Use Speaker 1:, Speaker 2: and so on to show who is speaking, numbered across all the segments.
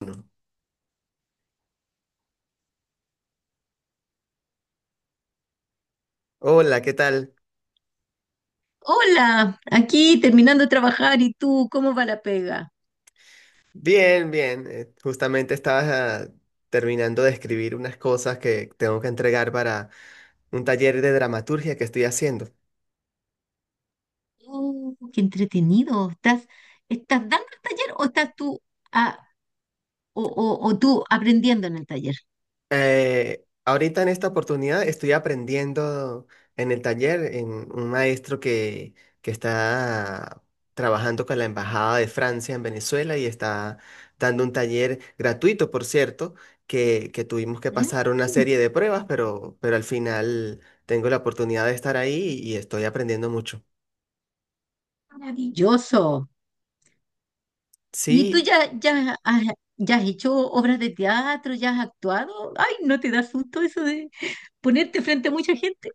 Speaker 1: Uno. Hola, ¿qué tal?
Speaker 2: Hola, aquí terminando de trabajar y tú, ¿cómo va la pega?
Speaker 1: Bien, bien. Justamente estaba ah, terminando de escribir unas cosas que tengo que entregar para un taller de dramaturgia que estoy haciendo.
Speaker 2: Oh, qué entretenido. ¿Estás dando el taller o estás tú ah, o tú aprendiendo en el taller?
Speaker 1: Ahorita en esta oportunidad estoy aprendiendo en el taller en un maestro que está trabajando con la Embajada de Francia en Venezuela y está dando un taller gratuito, por cierto, que tuvimos que
Speaker 2: Mm.
Speaker 1: pasar una serie de pruebas, pero al final tengo la oportunidad de estar ahí y estoy aprendiendo mucho.
Speaker 2: Maravilloso. ¿Y tú
Speaker 1: Sí.
Speaker 2: ya has hecho obras de teatro? ¿Ya has actuado? Ay, ¿no te da susto eso de ponerte frente a mucha gente?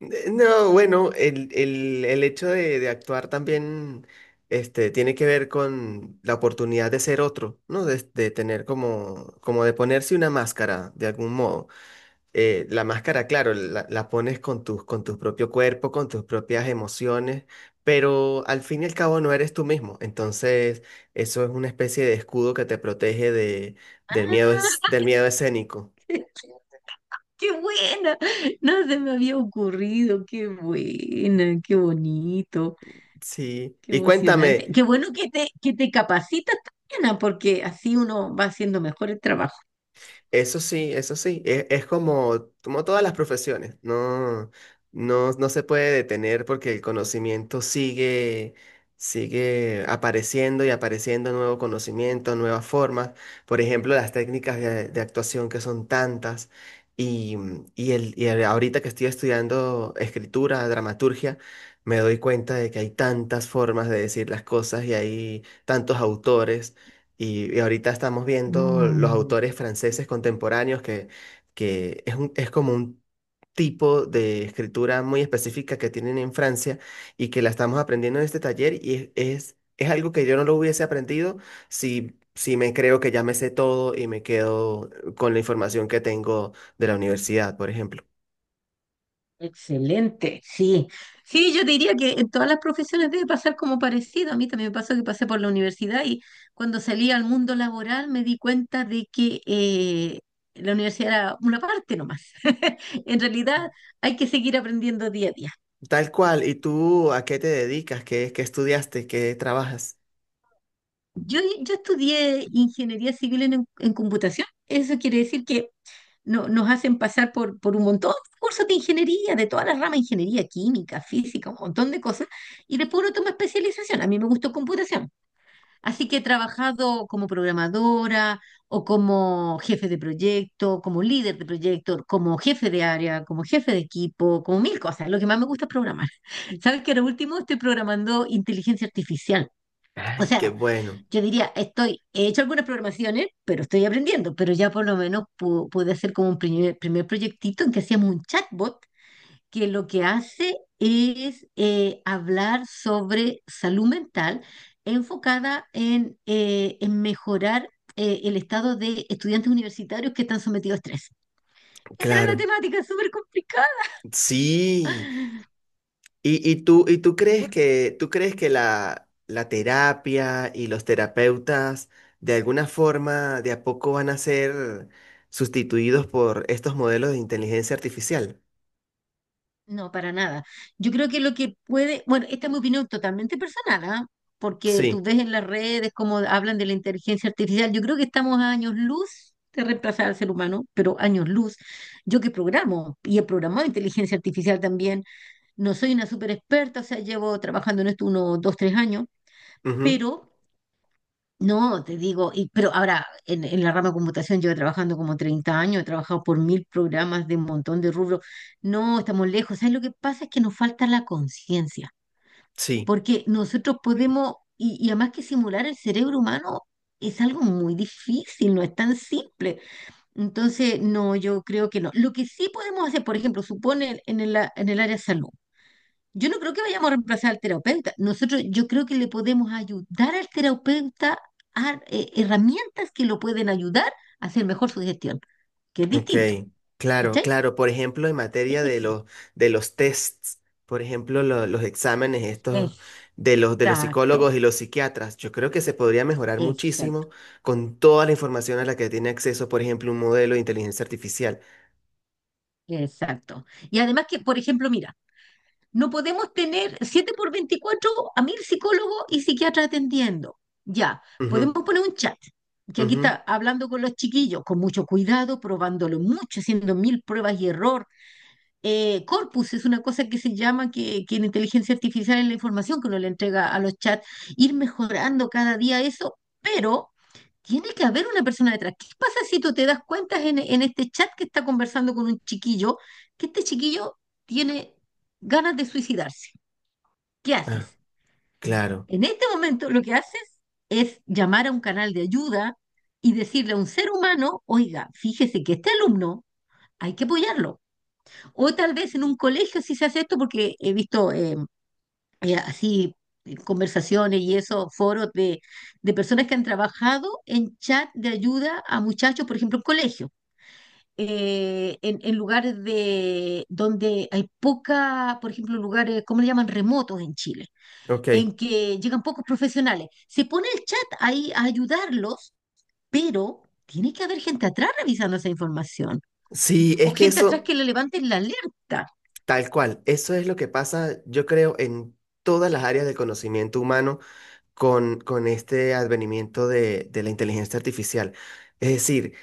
Speaker 1: No, bueno, el hecho de actuar también tiene que ver con la oportunidad de ser otro, ¿no? De tener como, como de ponerse una máscara de algún modo. La máscara, claro, la pones con tus, con tu propio cuerpo, con tus propias emociones, pero al fin y al cabo no eres tú mismo. Entonces, eso es una especie de escudo que te protege de, del
Speaker 2: Ah.
Speaker 1: miedo, del miedo escénico.
Speaker 2: ¡Qué buena! No se me había ocurrido, qué buena, qué bonito.
Speaker 1: Sí.
Speaker 2: Qué
Speaker 1: Y
Speaker 2: emocionante.
Speaker 1: cuéntame.
Speaker 2: Qué bueno que te capacitas también, porque así uno va haciendo mejor el trabajo.
Speaker 1: Eso sí, es como, como todas las profesiones, no, no se puede detener porque el conocimiento sigue, sigue apareciendo y apareciendo nuevo conocimiento, nuevas formas, por ejemplo, las técnicas de actuación que son tantas y, ahorita que estoy estudiando escritura, dramaturgia, me doy cuenta de que hay tantas formas de decir las cosas y hay tantos autores. Y ahorita estamos viendo los
Speaker 2: Mm,
Speaker 1: autores franceses contemporáneos que, es como un tipo de escritura muy específica que tienen en Francia y que la estamos aprendiendo en este taller y es algo que yo no lo hubiese aprendido si me creo que ya me sé todo y me quedo con la información que tengo de la universidad, por ejemplo.
Speaker 2: excelente, sí. Sí, yo diría que en todas las profesiones debe pasar como parecido. A mí también me pasó que pasé por la universidad y cuando salí al mundo laboral me di cuenta de que la universidad era una parte nomás. En realidad hay que seguir aprendiendo día a día.
Speaker 1: Tal cual, ¿y tú a qué te dedicas? ¿Qué, qué estudiaste? ¿Qué trabajas?
Speaker 2: Yo estudié ingeniería civil en computación. Eso quiere decir que nos hacen pasar por un montón de cursos de ingeniería, de todas las ramas, ingeniería química, física, un montón de cosas, y después uno toma especialización. A mí me gustó computación. Así que he trabajado como programadora o como jefe de proyecto, como líder de proyecto, como jefe de área, como jefe de equipo, como mil cosas. Lo que más me gusta es programar. Sabes que ahora último estoy programando inteligencia artificial. O
Speaker 1: Ay, qué
Speaker 2: sea,
Speaker 1: bueno.
Speaker 2: yo diría, estoy, he hecho algunas programaciones, pero estoy aprendiendo, pero ya por lo menos pude hacer como un primer, primer proyectito en que hacíamos un chatbot que lo que hace es hablar sobre salud mental enfocada en mejorar el estado de estudiantes universitarios que están sometidos a estrés. Esa era la
Speaker 1: Claro.
Speaker 2: temática, súper complicada.
Speaker 1: Sí. ¿ Y tú crees que la terapia y los terapeutas de alguna forma de a poco van a ser sustituidos por estos modelos de inteligencia artificial?
Speaker 2: No, para nada. Yo creo que lo que puede, bueno, esta es mi opinión totalmente personal, ¿ah? Porque tú
Speaker 1: Sí,
Speaker 2: ves en las redes cómo hablan de la inteligencia artificial. Yo creo que estamos a años luz de reemplazar al ser humano, pero años luz. Yo que programo y he programado inteligencia artificial también, no soy una súper experta, o sea, llevo trabajando en esto unos dos, tres años,
Speaker 1: ujú.
Speaker 2: pero no, te digo, pero ahora en la rama de computación llevo trabajando como 30 años, he trabajado por mil programas de un montón de rubros. No, estamos lejos. ¿Sabes lo que pasa? Es que nos falta la conciencia,
Speaker 1: Sí,
Speaker 2: porque nosotros podemos, y además que simular el cerebro humano es algo muy difícil, no es tan simple. Entonces, no, yo creo que no. Lo que sí podemos hacer, por ejemplo, supone en el área de salud. Yo no creo que vayamos a reemplazar al terapeuta. Nosotros, yo creo que le podemos ayudar al terapeuta a herramientas que lo pueden ayudar a hacer mejor su gestión, que es
Speaker 1: ok,
Speaker 2: distinto.
Speaker 1: claro,
Speaker 2: ¿Cachai?
Speaker 1: claro. Por ejemplo, en materia
Speaker 2: Eso sí.
Speaker 1: de los tests, por ejemplo, los exámenes estos de los psicólogos
Speaker 2: Exacto,
Speaker 1: y los psiquiatras, yo creo que se podría mejorar
Speaker 2: exacto,
Speaker 1: muchísimo con toda la información a la que tiene acceso, por ejemplo, un modelo de inteligencia artificial.
Speaker 2: exacto. Y además que, por ejemplo, mira, no podemos tener 7x24 a mil psicólogos y psiquiatras atendiendo. Ya, podemos
Speaker 1: Ujú,
Speaker 2: poner un chat, que aquí
Speaker 1: ujú.
Speaker 2: está hablando con los chiquillos, con mucho cuidado, probándolo mucho, haciendo mil pruebas y errores, corpus, es una cosa que se llama que en inteligencia artificial es la información que uno le entrega a los chats, ir mejorando cada día eso, pero tiene que haber una persona detrás. ¿Qué pasa si tú te das cuenta en este chat que está conversando con un chiquillo, que este chiquillo tiene ganas de suicidarse? ¿Qué
Speaker 1: Ah,
Speaker 2: haces?
Speaker 1: claro,
Speaker 2: En este momento lo que haces es llamar a un canal de ayuda y decirle a un ser humano, oiga, fíjese que este alumno hay que apoyarlo. O tal vez en un colegio sí se hace esto porque he visto así, conversaciones y eso, foros de personas que han trabajado en chat de ayuda a muchachos, por ejemplo, en colegio. En lugares de donde hay poca, por ejemplo, lugares, ¿cómo le llaman? Remotos en Chile,
Speaker 1: ok.
Speaker 2: en que llegan pocos profesionales. Se pone el chat ahí a ayudarlos, pero tiene que haber gente atrás revisando esa información
Speaker 1: Sí,
Speaker 2: o
Speaker 1: es que
Speaker 2: gente atrás
Speaker 1: eso,
Speaker 2: que le levanten la alerta.
Speaker 1: tal cual, eso es lo que pasa, yo creo, en todas las áreas del conocimiento humano con este advenimiento de la inteligencia artificial. Es decir,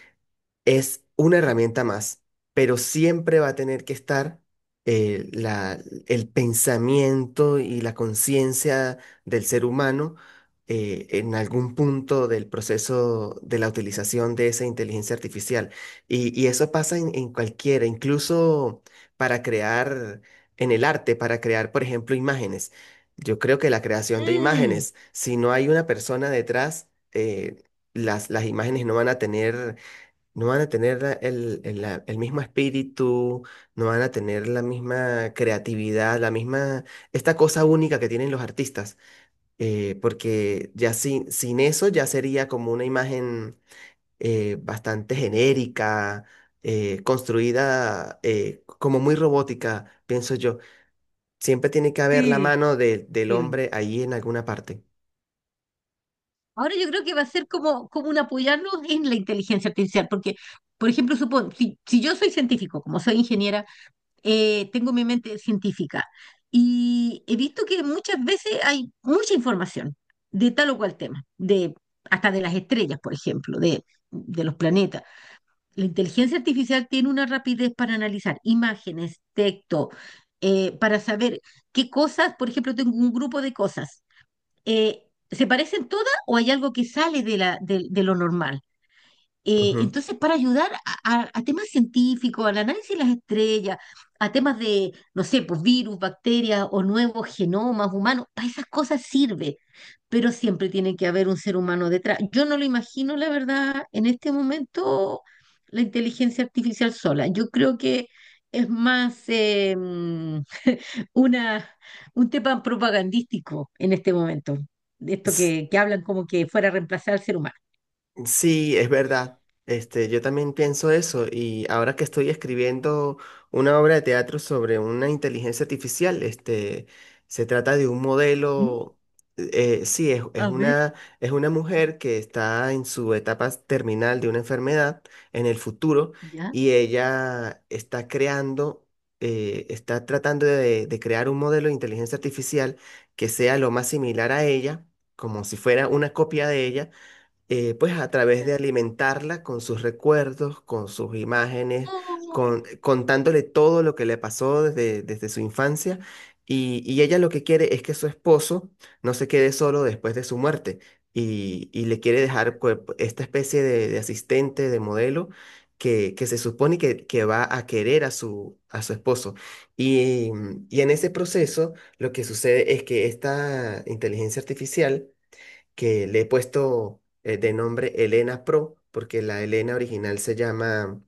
Speaker 1: es una herramienta más, pero siempre va a tener que estar eh, la- el pensamiento y la conciencia del ser humano en algún punto del proceso de la utilización de esa inteligencia artificial. Y eso pasa en cualquiera, incluso para crear en el arte, para crear, por ejemplo, imágenes. Yo creo que la creación de
Speaker 2: Mm,
Speaker 1: imágenes, si no hay una persona detrás, las imágenes no van a tener el mismo espíritu, no van a tener la misma creatividad, la misma, esta cosa única que tienen los artistas, porque ya sin, sin eso ya sería como una imagen bastante genérica, construida como muy robótica, pienso yo. Siempre tiene que haber la
Speaker 2: sí.
Speaker 1: mano del
Speaker 2: Sí.
Speaker 1: hombre ahí en alguna parte.
Speaker 2: Ahora yo creo que va a ser como, como un apoyarnos en la inteligencia artificial, porque, por ejemplo, supón, si yo soy científico, como soy ingeniera, tengo mi mente científica y he visto que muchas veces hay mucha información de tal o cual tema, de, hasta de las estrellas, por ejemplo, de los planetas. La inteligencia artificial tiene una rapidez para analizar imágenes, texto, para saber qué cosas, por ejemplo, tengo un grupo de cosas. ¿Se parecen todas o hay algo que sale de lo normal?
Speaker 1: Ujú.
Speaker 2: Entonces, para ayudar a temas científicos, al análisis de las estrellas, a temas de, no sé, pues virus, bacterias o nuevos genomas humanos, para esas cosas sirve, pero siempre tiene que haber un ser humano detrás. Yo no lo imagino, la verdad, en este momento, la inteligencia artificial sola. Yo creo que es más, una, un tema propagandístico en este momento, de esto que hablan como que fuera a reemplazar al ser humano.
Speaker 1: Sí, es verdad. Yo también pienso eso y ahora que estoy escribiendo una obra de teatro sobre una inteligencia artificial, se trata de un
Speaker 2: Mm.
Speaker 1: modelo. Sí,
Speaker 2: A ver,
Speaker 1: es una mujer que está en su etapa terminal de una enfermedad en el futuro
Speaker 2: ya.
Speaker 1: y ella está creando, está tratando de crear un modelo de inteligencia artificial que sea lo más similar a ella, como si fuera una copia de ella, pues a través
Speaker 2: Ya.
Speaker 1: de alimentarla con sus recuerdos, con sus imágenes,
Speaker 2: Oh,
Speaker 1: con, contándole todo lo que le pasó desde, desde su infancia. Y ella lo que quiere es que su esposo no se quede solo después de su muerte y le quiere dejar pues, esta especie de asistente, de modelo. Que se supone que va a querer a su esposo. Y, y en ese proceso lo que sucede es que esta inteligencia artificial que le he puesto de nombre Elena Pro, porque la Elena original se llama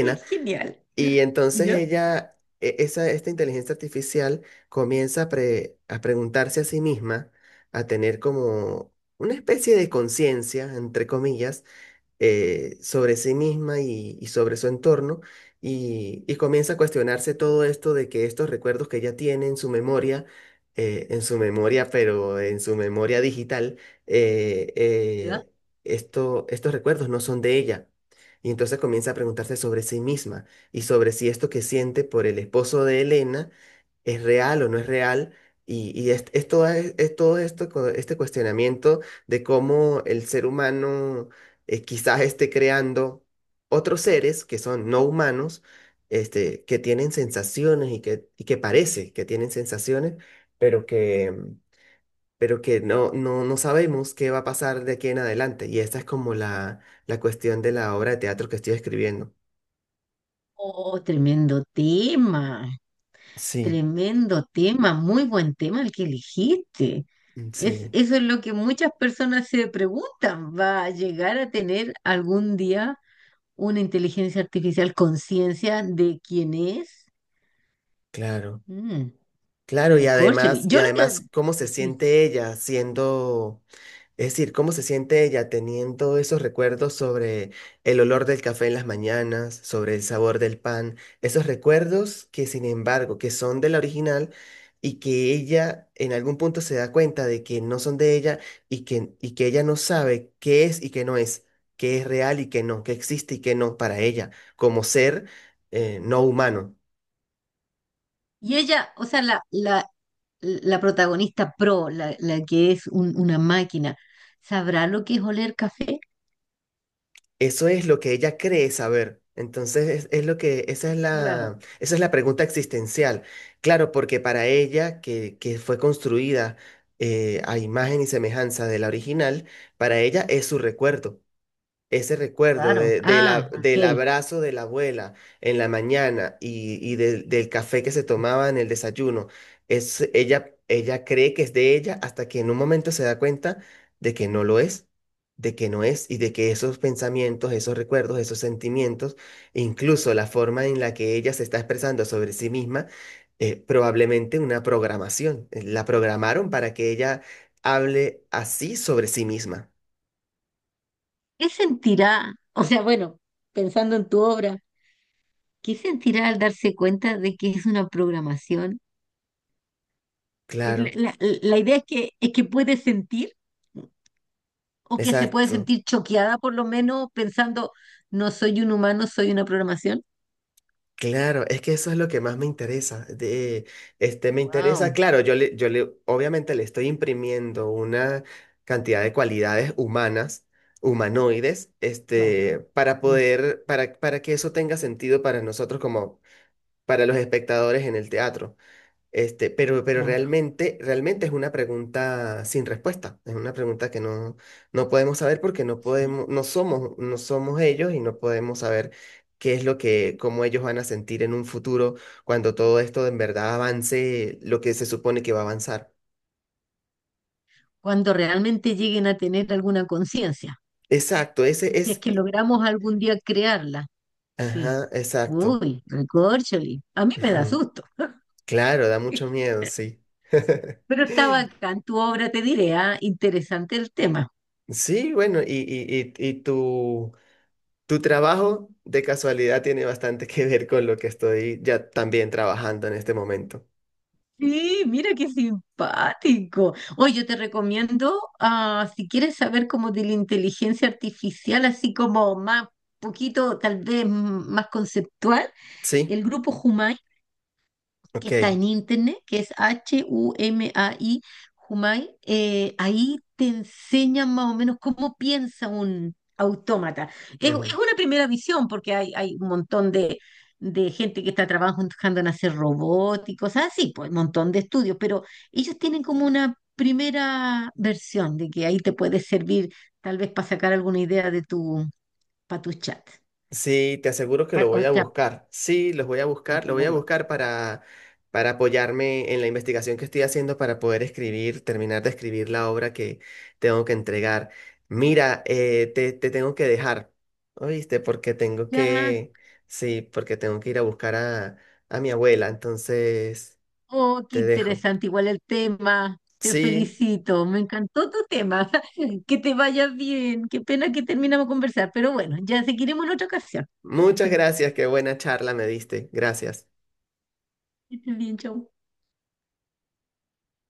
Speaker 2: qué genial.
Speaker 1: y entonces
Speaker 2: Ya.
Speaker 1: ella, esta inteligencia artificial comienza a, a preguntarse a sí misma, a tener como una especie de conciencia, entre comillas, sobre sí misma y sobre su entorno y comienza a cuestionarse todo esto de que estos recuerdos que ella tiene en su memoria, pero en su memoria digital, eh,
Speaker 2: ¿Ya?
Speaker 1: eh, estos recuerdos no son de ella. Y entonces comienza a preguntarse sobre sí misma y sobre si esto que siente por el esposo de Elena es real o no es real. Y es, es todo esto, este cuestionamiento de cómo el ser humano quizás esté creando otros seres que son no humanos, que tienen sensaciones y que parece que tienen sensaciones, pero que, mm, pero que no, no sabemos qué va a pasar de aquí en adelante. Y esta es como la cuestión de la obra de teatro que estoy escribiendo.
Speaker 2: Oh,
Speaker 1: Sí.
Speaker 2: tremendo tema, muy buen tema el que elegiste.
Speaker 1: Mm,
Speaker 2: Es,
Speaker 1: sí,
Speaker 2: eso es lo que muchas personas se preguntan. ¿Va a llegar a tener algún día una inteligencia artificial conciencia de quién es?
Speaker 1: claro.
Speaker 2: Mm,
Speaker 1: Claro,
Speaker 2: recórchale.
Speaker 1: y
Speaker 2: Yo lo
Speaker 1: además
Speaker 2: que...
Speaker 1: cómo se siente ella siendo Es decir, ¿cómo se siente ella teniendo esos recuerdos sobre el olor del café en las mañanas, sobre el sabor del pan? Esos recuerdos que, sin embargo, que son de la original y que ella en algún punto se da cuenta de que no son de ella y que ella no sabe qué es y qué no es, qué es real y qué no, qué existe y qué no para ella como ser no humano.
Speaker 2: Y ella, o sea, la protagonista pro, la que es una máquina, ¿sabrá lo que es oler café?
Speaker 1: Eso es lo que ella cree saber. Entonces, es lo que,
Speaker 2: Claro.
Speaker 1: esa es la pregunta existencial. Claro, porque para ella, que fue construida a imagen y semejanza de la original, para ella es su recuerdo ese recuerdo
Speaker 2: Claro.
Speaker 1: de la,
Speaker 2: Ah,
Speaker 1: del
Speaker 2: ok.
Speaker 1: abrazo de la abuela en la mañana y del del café que se tomaba en el desayuno, es, ella cree que es de ella hasta que en un momento se da cuenta de que no lo es, de que no es y de que esos pensamientos, esos recuerdos, esos sentimientos, incluso la forma en la que ella se está expresando sobre sí misma, probablemente una programación. La programaron para que ella hable así sobre sí misma.
Speaker 2: ¿Qué sentirá? O sea, bueno, pensando en tu obra, ¿qué sentirá al darse cuenta de que es una programación? La,
Speaker 1: Claro,
Speaker 2: la- la idea es que puede sentir o que se puede
Speaker 1: exacto.
Speaker 2: sentir choqueada por lo menos pensando, no soy un humano, soy una programación.
Speaker 1: Claro, es que eso es lo que más me interesa. Me interesa,
Speaker 2: Wow.
Speaker 1: claro, yo le, obviamente le estoy imprimiendo una cantidad de cualidades humanas, humanoides,
Speaker 2: Claro.
Speaker 1: para
Speaker 2: es-
Speaker 1: poder, para que eso tenga sentido para nosotros como para los espectadores en el teatro. Pero
Speaker 2: claro.
Speaker 1: realmente, realmente es una pregunta sin respuesta. Es una pregunta que no, no podemos saber porque no
Speaker 2: Sí.
Speaker 1: podemos, no somos, no somos ellos y no podemos saber qué es lo que, cómo ellos van a sentir en un futuro cuando todo esto en verdad avance lo que se supone que va a avanzar.
Speaker 2: Cuando realmente lleguen a tener alguna conciencia.
Speaker 1: Exacto, ese
Speaker 2: Si es
Speaker 1: es.
Speaker 2: que logramos algún día crearla, sí.
Speaker 1: Ajá, exacto.
Speaker 2: Uy, recorcholi. A mí me da
Speaker 1: Ujú.
Speaker 2: susto.
Speaker 1: Claro, da mucho miedo, sí.
Speaker 2: Pero está bacán tu obra, te diré, ah, interesante el tema.
Speaker 1: Sí, bueno, y tu trabajo de casualidad tiene bastante que ver con lo que estoy ya también trabajando en este momento.
Speaker 2: Sí, mira qué simpático. Oye, yo te recomiendo, ah, si quieres saber como de la inteligencia artificial, así como más, poquito, tal vez, más conceptual,
Speaker 1: Sí,
Speaker 2: el grupo Humay que
Speaker 1: ok.
Speaker 2: está en internet, que es HUMAI, Humai, ahí te enseñan más o menos cómo piensa un autómata. Es
Speaker 1: Ujú.
Speaker 2: una primera visión, porque hay un montón de gente que está trabajando en hacer robots y cosas así, pues un montón de estudios, pero ellos tienen como una primera versión de que ahí te puede servir tal vez para sacar alguna idea de tu, para tu chat,
Speaker 1: Sí, te aseguro que lo
Speaker 2: o
Speaker 1: voy a
Speaker 2: sea,
Speaker 1: buscar. Sí, los voy a
Speaker 2: para
Speaker 1: buscar, lo
Speaker 2: tu
Speaker 1: voy a
Speaker 2: robot.
Speaker 1: buscar para apoyarme en la investigación que estoy haciendo para poder escribir, terminar de escribir la obra que tengo que entregar. Mira, te tengo que dejar, ¿oíste? Porque tengo que, sí, porque tengo que ir a buscar a mi abuela, entonces
Speaker 2: Oh, qué
Speaker 1: te dejo.
Speaker 2: interesante, igual el tema. Te
Speaker 1: Sí.
Speaker 2: felicito, me encantó tu tema. Que te vaya bien. Qué pena que terminamos de conversar, pero bueno, ya seguiremos en otra ocasión.
Speaker 1: Muchas gracias, qué buena charla me diste. Gracias.
Speaker 2: Que estés bien, chau.